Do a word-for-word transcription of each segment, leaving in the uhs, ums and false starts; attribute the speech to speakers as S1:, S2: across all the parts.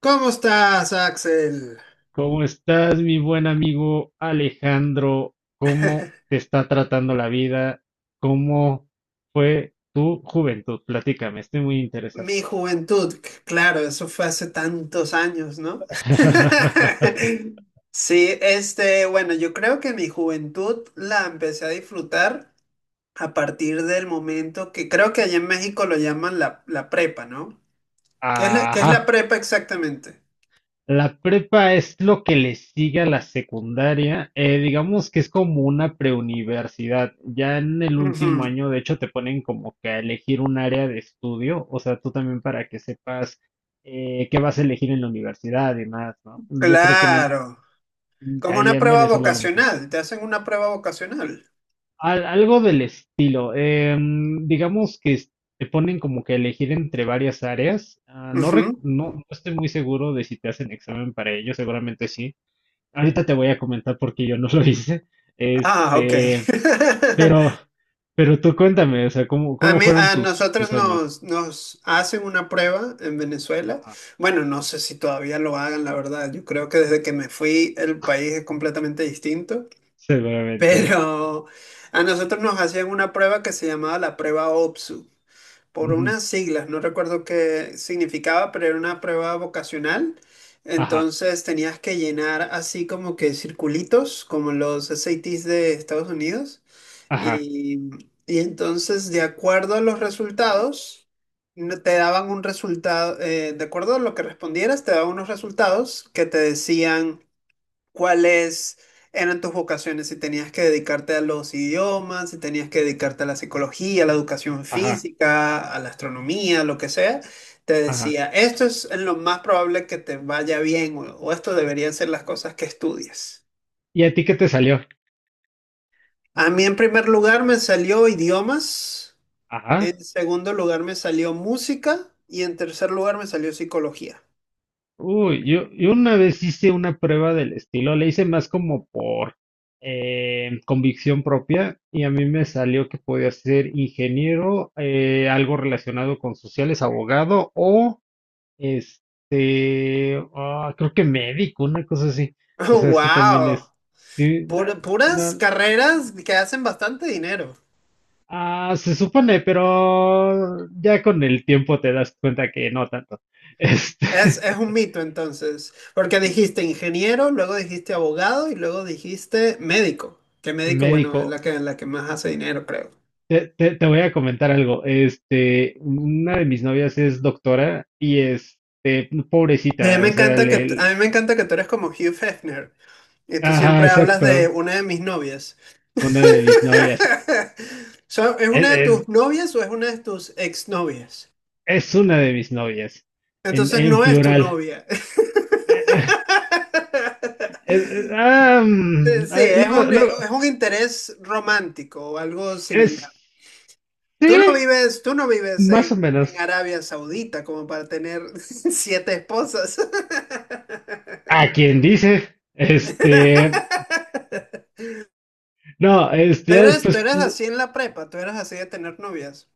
S1: ¿Cómo estás, Axel?
S2: ¿Cómo estás, mi buen amigo Alejandro? ¿Cómo te está tratando la vida? ¿Cómo fue tu juventud? Platícame, estoy muy interesado.
S1: Mi juventud, c- claro, eso fue hace tantos años, ¿no? Sí, este, bueno, yo creo que mi juventud la empecé a disfrutar a partir del momento que creo que allá en México lo llaman la, la prepa, ¿no? ¿Qué es la, qué es la
S2: Ajá.
S1: prepa exactamente?
S2: La prepa es lo que le sigue a la secundaria. Eh, digamos que es como una preuniversidad. Ya en el
S1: Ujú,
S2: último año, de hecho, te ponen como que a elegir un área de estudio. O sea, tú también para que sepas eh, qué vas a elegir en la universidad y más, ¿no? Yo creo que en, e-
S1: Claro,
S2: Mm,
S1: como una
S2: Allá en
S1: prueba
S2: Venezuela lo mismo.
S1: vocacional, te hacen una prueba vocacional.
S2: Al- algo del estilo. Em, digamos que es- te ponen como que a elegir entre varias áreas. Ah, no, rec-
S1: Ujú.
S2: no, no estoy muy seguro de si te hacen examen para ello, seguramente sí. Ahorita te voy a comentar porque yo no lo hice.
S1: Ah, ok.
S2: Este, pero, pero tú cuéntame, o sea, ¿cómo,
S1: A
S2: cómo
S1: mí,
S2: fueron
S1: a
S2: tus,
S1: nosotros
S2: tus años?
S1: nos, nos hacen una prueba en Venezuela.
S2: Ajá.
S1: Bueno, no sé si todavía lo hagan, la verdad. Yo creo que desde que me fui el país es completamente distinto.
S2: Seguramente.
S1: Pero a nosotros nos hacían una prueba que se llamaba la prueba O P S U por
S2: Ujú.
S1: unas siglas, no recuerdo qué significaba, pero era una prueba vocacional.
S2: Ajá,
S1: Entonces tenías que llenar así como que circulitos, como los S A Ts de Estados Unidos.
S2: ajá,
S1: Y, y entonces, de acuerdo a los resultados, no- te daban un resultado, eh, de acuerdo a lo que respondieras, te daban unos resultados que te decían ¿Cuáles eran tus vocaciones? Si tenías que dedicarte a los idiomas, si tenías que dedicarte a la psicología, a la educación
S2: ajá,
S1: física, a la astronomía, lo que sea, te
S2: ajá.
S1: decía, esto es en lo más probable que te vaya bien o, o esto deberían ser las cosas que estudias.
S2: ¿Y a ti qué te salió?
S1: A mí en primer lugar me salió idiomas,
S2: Ajá.
S1: en segundo lugar me salió música y en tercer lugar me salió psicología.
S2: Uy, yo, yo una vez hice una prueba del estilo, le hice más como por eh, convicción propia y a mí me salió que podía ser ingeniero, eh, algo relacionado con sociales, abogado o este, ah, creo que médico, una cosa así. O sea, sí también
S1: ¡Wow!
S2: es, sí, na-
S1: Pur- puras
S2: na-
S1: carreras que hacen bastante dinero.
S2: ah, se supone, pero ya con el tiempo te das cuenta que no tanto. Este,
S1: Es, es un mito entonces, porque dijiste ingeniero, luego dijiste abogado y luego dijiste médico. Que médico, bueno, es la
S2: médico.
S1: que, la que más hace dinero, creo.
S2: Te, te- te voy a comentar algo. Este, una de mis novias es doctora y este,
S1: A mí
S2: pobrecita,
S1: me
S2: o sea,
S1: encanta que, t- a mí
S2: le,
S1: me encanta que tú eres como Hugh Hefner y tú
S2: ajá,
S1: siempre hablas de
S2: exacto.
S1: una de mis novias.
S2: Una de mis novias.
S1: So, ¿es
S2: Es,
S1: una de
S2: es,
S1: tus novias o es una de tus exnovias?
S2: es una de mis novias. En,
S1: Entonces
S2: en
S1: no es tu
S2: plural.
S1: novia.
S2: Es- es- ah, mm,
S1: Sí,
S2: ah,
S1: es
S2: luego-
S1: un, es
S2: luego,
S1: un interés romántico o algo
S2: es,
S1: similar. Tú no
S2: sí,
S1: vives, tú no vives
S2: más o
S1: en, en
S2: menos.
S1: Arabia Saudita como para tener siete esposas.
S2: A quien dice, este, no, este,
S1: Tú
S2: ya
S1: eres, tú
S2: después.
S1: eres así en la prepa, tú eres así de tener novias.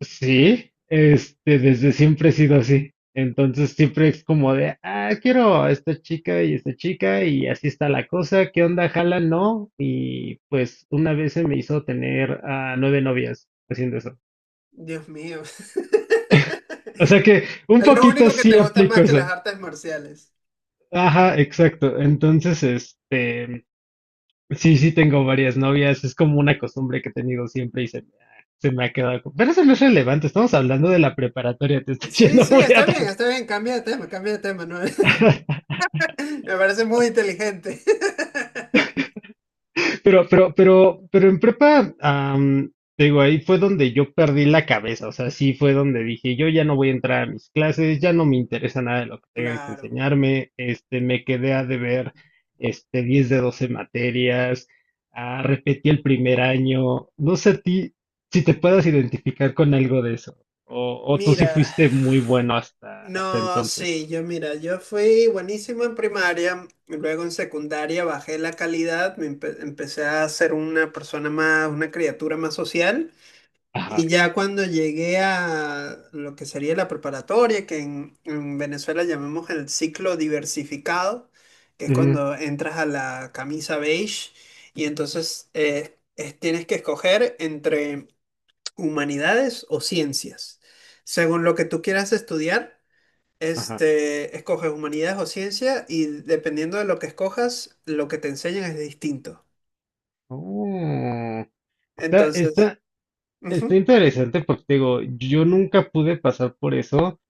S2: Sí, este, desde siempre he sido así. Entonces siempre es como de, ah, quiero a esta chica y esta chica y así está la cosa, ¿qué onda? ¿Jala? No. Y pues una vez se me hizo tener a nueve novias haciendo eso.
S1: Dios mío.
S2: O sea que un
S1: Es lo
S2: poquito
S1: único que te
S2: sí
S1: gusta
S2: aplico
S1: más que las
S2: eso.
S1: artes marciales.
S2: Ajá, exacto. Entonces, este, sí, sí tengo varias novias. Es como una costumbre que he tenido siempre y se me ha, se me ha quedado. co- Pero eso no es relevante. Estamos hablando de la preparatoria. Te estoy
S1: Sí,
S2: yendo
S1: sí,
S2: muy
S1: está
S2: atrás.
S1: bien, está bien, cambia de tema, cambia de tema, ¿no? Me parece muy inteligente.
S2: Pero, pero, pero, pero en prepa, am, te digo, ahí fue donde yo perdí la cabeza, o sea, sí fue donde dije, yo ya no voy a entrar a mis clases, ya no me interesa nada de lo que tengan que
S1: Claro.
S2: enseñarme, este, me quedé a deber, este, diez de doce materias, ah, repetí el primer año, no sé a ti si te puedas identificar con algo de eso, o, o tú sí
S1: Mira.
S2: fuiste muy bueno hasta, hasta
S1: No,
S2: entonces.
S1: sí, yo mira, yo fui buenísimo en primaria, y luego en secundaria bajé la calidad, me empe- empecé a ser una persona más, una criatura más social, y
S2: Ajá.
S1: ya cuando llegué a lo que sería la preparatoria, que en, en Venezuela llamamos el ciclo diversificado, que es
S2: Ujú.
S1: cuando entras a la camisa beige, y entonces eh, es- tienes que escoger entre humanidades o ciencias, según lo que tú quieras estudiar.
S2: Ajá.
S1: Este, escoges humanidades o ciencia y dependiendo de lo que escojas, lo que te enseñan es distinto.
S2: Oh. Está,
S1: Entonces,
S2: está, está
S1: ujú.
S2: interesante porque te digo, yo nunca pude pasar por eso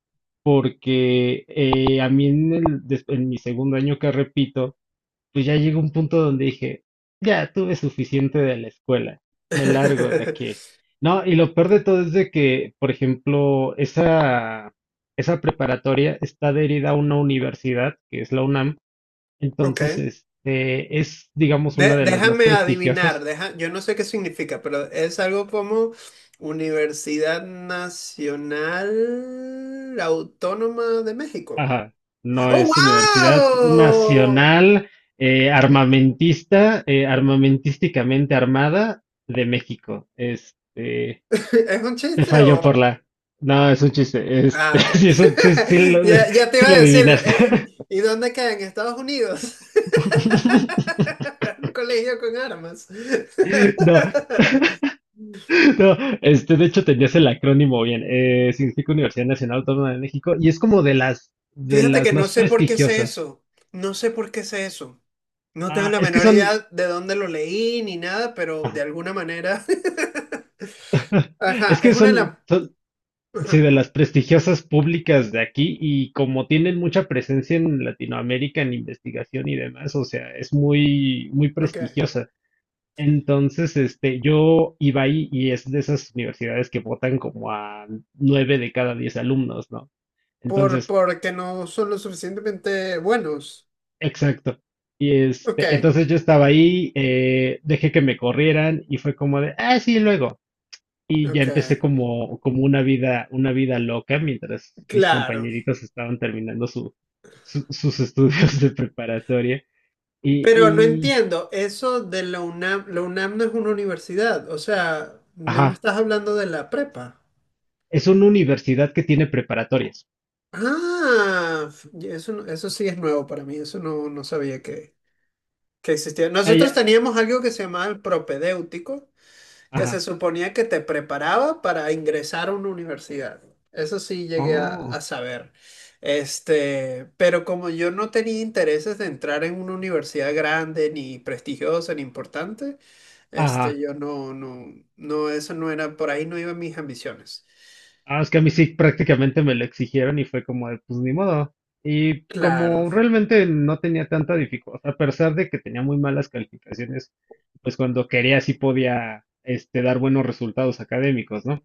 S2: porque eh, a mí en, el, des- en mi segundo año que repito, pues ya llegó un punto donde dije, ya tuve suficiente de la escuela, me largo de aquí. No, y lo peor de todo es de que, por ejemplo, esa, esa preparatoria está adherida a una universidad, que es la UNAM,
S1: Ok.
S2: entonces
S1: De-
S2: este, es, digamos, una de las más
S1: déjame adivinar,
S2: prestigiosas.
S1: deja- yo no sé qué significa, pero es algo como Universidad Nacional Autónoma de México.
S2: Ajá, no
S1: ¡Oh,
S2: es Universidad
S1: wow!
S2: Nacional eh, Armamentista, eh, armamentísticamente armada de México. Este,
S1: ¿Es un
S2: te
S1: chiste
S2: falló
S1: o...?
S2: por la. No, es un chiste. Este,
S1: Ah, ok.
S2: sí, es un- sí, sí lo,
S1: Ya, ya te
S2: sí
S1: iba
S2: lo
S1: a decir, eh,
S2: adivinaste.
S1: eh, ¿y dónde queda? ¿En Estados Unidos? Un colegio con armas.
S2: No, no, este, de hecho tenías el acrónimo bien. Eh, significa Universidad Nacional Autónoma de México y es como de las, de
S1: Fíjate que
S2: las
S1: no
S2: más
S1: sé por qué sé
S2: prestigiosas.
S1: eso. No sé por qué sé eso. No tengo
S2: Ah,
S1: la
S2: es que
S1: menor
S2: son,
S1: idea de dónde lo leí ni nada, pero de alguna manera. Ajá,
S2: es
S1: es
S2: que
S1: una de
S2: son,
S1: las.
S2: son sí,
S1: Ajá,
S2: de las prestigiosas públicas de aquí y como tienen mucha presencia en Latinoamérica en investigación y demás, o sea, es muy, muy
S1: ok.
S2: prestigiosa. Entonces, este, yo iba ahí y es de esas universidades que votan como a nueve de cada diez alumnos, ¿no?
S1: Por,
S2: Entonces,
S1: porque no son lo suficientemente buenos.
S2: exacto. Y
S1: Ok,
S2: este, entonces yo estaba ahí, eh, dejé que me corrieran y fue como de, ah, sí, luego. Y ya empecé
S1: ok.
S2: como, como una vida, una vida loca mientras mis
S1: Claro.
S2: compañeritos estaban terminando su, su- sus estudios de preparatoria.
S1: Pero no
S2: Y, y,
S1: entiendo, eso de la UNAM. La UNAM no es una universidad. O sea, no me
S2: ajá,
S1: estás hablando de la prepa.
S2: es una universidad que tiene preparatorias.
S1: Ah, ya eso, no- eso sí es nuevo para mí, eso no, no sabía que, que existía.
S2: Ah,
S1: Nosotros
S2: ya,
S1: teníamos algo que se llamaba el propedéutico, que se
S2: ajá.
S1: suponía que te preparaba para ingresar a una universidad. Eso sí llegué a, a
S2: Oh,
S1: saber. Este, pero como yo no tenía intereses de entrar en una universidad grande, ni prestigiosa, ni importante,
S2: ajá.
S1: este, yo no, no, no, eso no era, por ahí no iban mis ambiciones.
S2: Ah, es que a mí sí prácticamente me lo exigieron y fue como de, pues ni modo. Y
S1: Claro,
S2: como realmente no tenía tanta dificultad, a pesar de que tenía muy malas calificaciones, pues cuando quería sí podía, este, dar buenos resultados académicos, ¿no?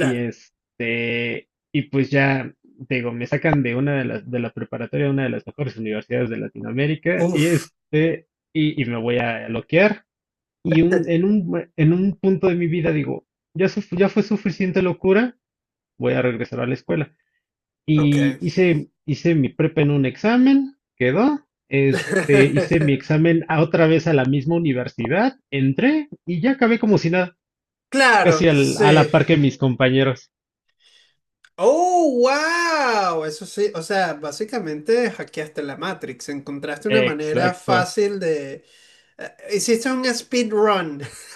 S2: Y este, y pues ya, te digo, me sacan de una de las, de la preparatoria, una de las mejores universidades de Latinoamérica, y
S1: Uf,
S2: este, y, y me voy a loquear. Y un, en un, en un punto de mi vida digo, ya, suf- ya fue suficiente locura, voy a regresar a la escuela.
S1: ok.
S2: Y hice, hice mi prepa en un examen, quedó. Este, hice mi examen a otra vez a la misma universidad, entré y ya acabé como si nada,
S1: Claro,
S2: casi al- a la
S1: sí.
S2: par que mis compañeros.
S1: Oh, wow. Eso sí, o sea, básicamente hackeaste la Matrix, encontraste una manera
S2: Exacto.
S1: fácil de... eh, hiciste un speedrun.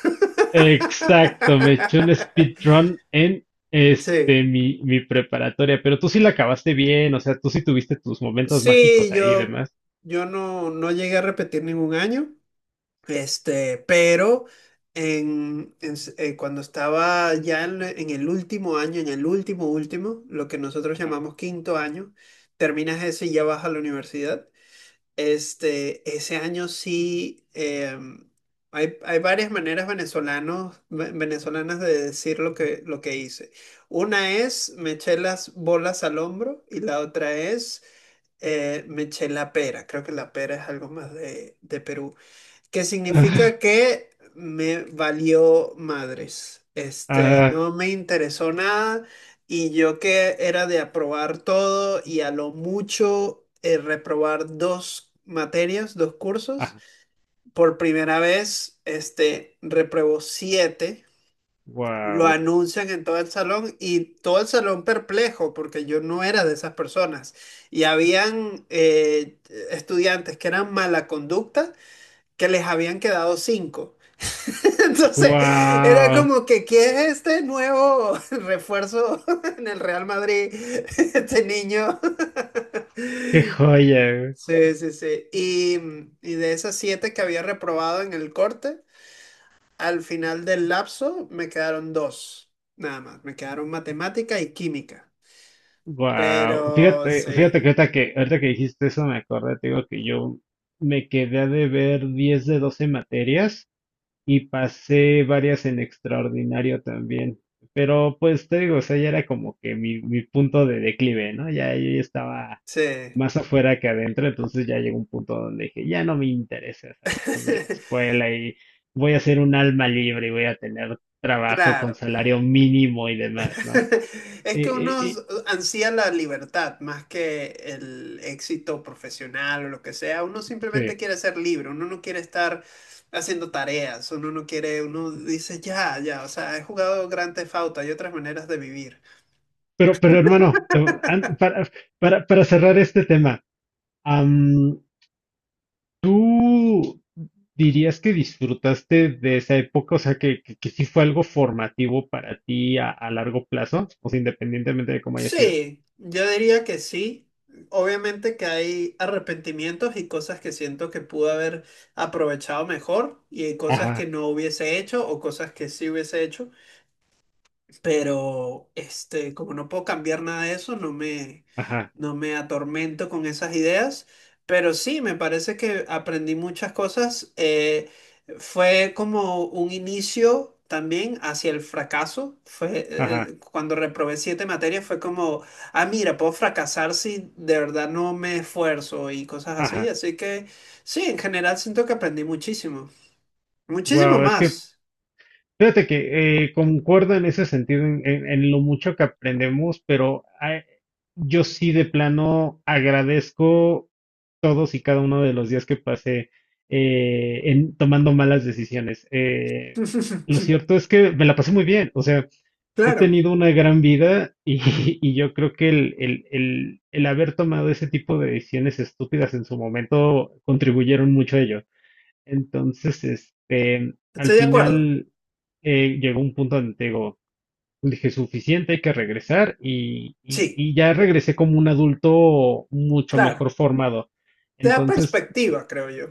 S2: Exacto, me eché un speedrun en
S1: Sí.
S2: este mi, mi preparatoria, pero tú sí la acabaste bien, o sea, tú sí tuviste tus momentos
S1: Sí,
S2: mágicos ahí y
S1: yo,
S2: demás.
S1: yo no, no llegué a repetir ningún año. Este, pero en, en s- eh, cuando estaba ya en, en el último año, en el último último, lo que nosotros
S2: Ajá.
S1: llamamos quinto año, terminas ese y ya vas a la universidad. Este, ese año sí, em, hay, hay varias maneras venezolanos, ve- venezolanas de decir lo que, lo que hice. Una es me eché las bolas al hombro y la otra es eh, me eché la pera. Creo que la pera es algo más de, de Perú que significa que me valió madres. Este,
S2: Ah,
S1: no me interesó nada y yo que era de aprobar todo y a lo mucho eh, reprobar dos materias, dos cursos.
S2: ah,
S1: Por primera vez, este, repruebo siete. Lo
S2: wow,
S1: anuncian en todo el salón y todo el salón perplejo porque yo no era de esas personas. Y habían eh, estudiantes que eran mala conducta que les habían quedado cinco. Entonces, era
S2: wow,
S1: como que, ¿quién es este nuevo refuerzo en el Real Madrid? Este niño.
S2: qué joya,
S1: Sí, sí, sí. Y, y de esas siete que había reprobado en el corte, al final del lapso me quedaron dos, nada más. Me quedaron matemática y química.
S2: wow.
S1: Pero
S2: Fíjate,
S1: sí,
S2: fíjate que ahorita que ahorita que dijiste eso me acordé, te digo que yo me quedé a deber diez de doce materias y pasé varias en extraordinario también. Pero pues te digo, o sea, ya era como que mi, mi punto de declive, ¿no? Ya yo ya estaba
S1: sí.
S2: más afuera que adentro, entonces ya llegó un punto donde dije, ya no me interesa saber de la escuela y voy a ser un alma libre y voy a tener trabajo con
S1: Claro.
S2: salario mínimo y demás, ¿no?
S1: Es
S2: Eh,
S1: que
S2: eh,
S1: uno
S2: eh,
S1: ansía la libertad más que el éxito profesional o lo que sea. Uno simplemente
S2: sí.
S1: quiere ser libre, uno no quiere estar haciendo tareas, uno no quiere, uno dice ya, ya, o sea, he jugado Grand Theft Auto, hay otras maneras de vivir.
S2: Pero, pero hermano, te- an- para, para, para cerrar este tema, ¿tú dirías que disfrutaste de esa época? O sea, que, que, que sí fue algo formativo para ti a, a largo plazo, o sea, independientemente de cómo haya sido.
S1: Sí, yo diría que sí. Obviamente que hay arrepentimientos y cosas que siento que pude haber aprovechado mejor y hay cosas que
S2: Ajá,
S1: no hubiese hecho o cosas que sí hubiese hecho. Pero este, como no puedo cambiar nada de eso, no me,
S2: ajá,
S1: no me atormento con esas ideas, pero sí, me parece que aprendí muchas cosas. eh, fue como un inicio también hacia el fracaso. Fue, eh,
S2: ajá,
S1: eh, cuando reprobé siete materias fue como, ah, mira, puedo fracasar si de verdad no me esfuerzo y cosas así.
S2: ajá.
S1: Así que sí, en general siento que aprendí muchísimo, muchísimo
S2: Wow, es que
S1: más.
S2: fíjate que eh, concuerdo en ese sentido, en, en- en lo mucho que aprendemos, pero ah, yo sí de plano agradezco todos y cada uno de los días que pasé eh, en, tomando malas decisiones. Eh, lo cierto es que me la pasé muy bien, o sea, he
S1: Claro,
S2: tenido una gran vida y, y yo creo que el, el, el, el haber tomado ese tipo de decisiones estúpidas en su momento contribuyeron mucho a ello. Entonces, este, al
S1: estoy de acuerdo.
S2: final eh, llegó un punto donde te digo, dije, suficiente, hay que regresar y, y-
S1: Sí.
S2: y ya regresé como un adulto mucho
S1: Claro,
S2: mejor formado.
S1: te da
S2: Entonces,
S1: perspectiva, creo yo.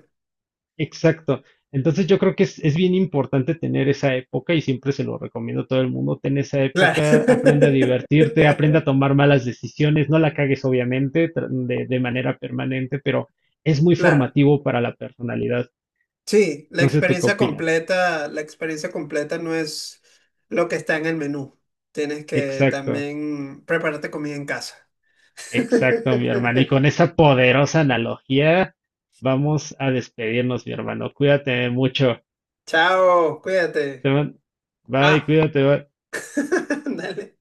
S2: exacto. Entonces yo creo que es, es bien importante tener esa época y siempre se lo recomiendo a todo el mundo, ten esa
S1: Claro.
S2: época, aprende a divertirte, aprende a tomar malas decisiones, no la cagues obviamente tra- de, de manera permanente, pero es muy
S1: Claro.
S2: formativo para la personalidad.
S1: Sí, la
S2: No sé tú qué
S1: experiencia
S2: opinas.
S1: completa, la experiencia completa no es lo que está en el menú. Tienes que
S2: Exacto.
S1: también prepararte comida en casa.
S2: Exacto, mi hermano. Y con esa poderosa analogía vamos a despedirnos, mi hermano. Cuídate mucho.
S1: Chao,
S2: Te
S1: cuídate.
S2: man- Bye,
S1: Ah,
S2: cuídate. Bye.
S1: dale.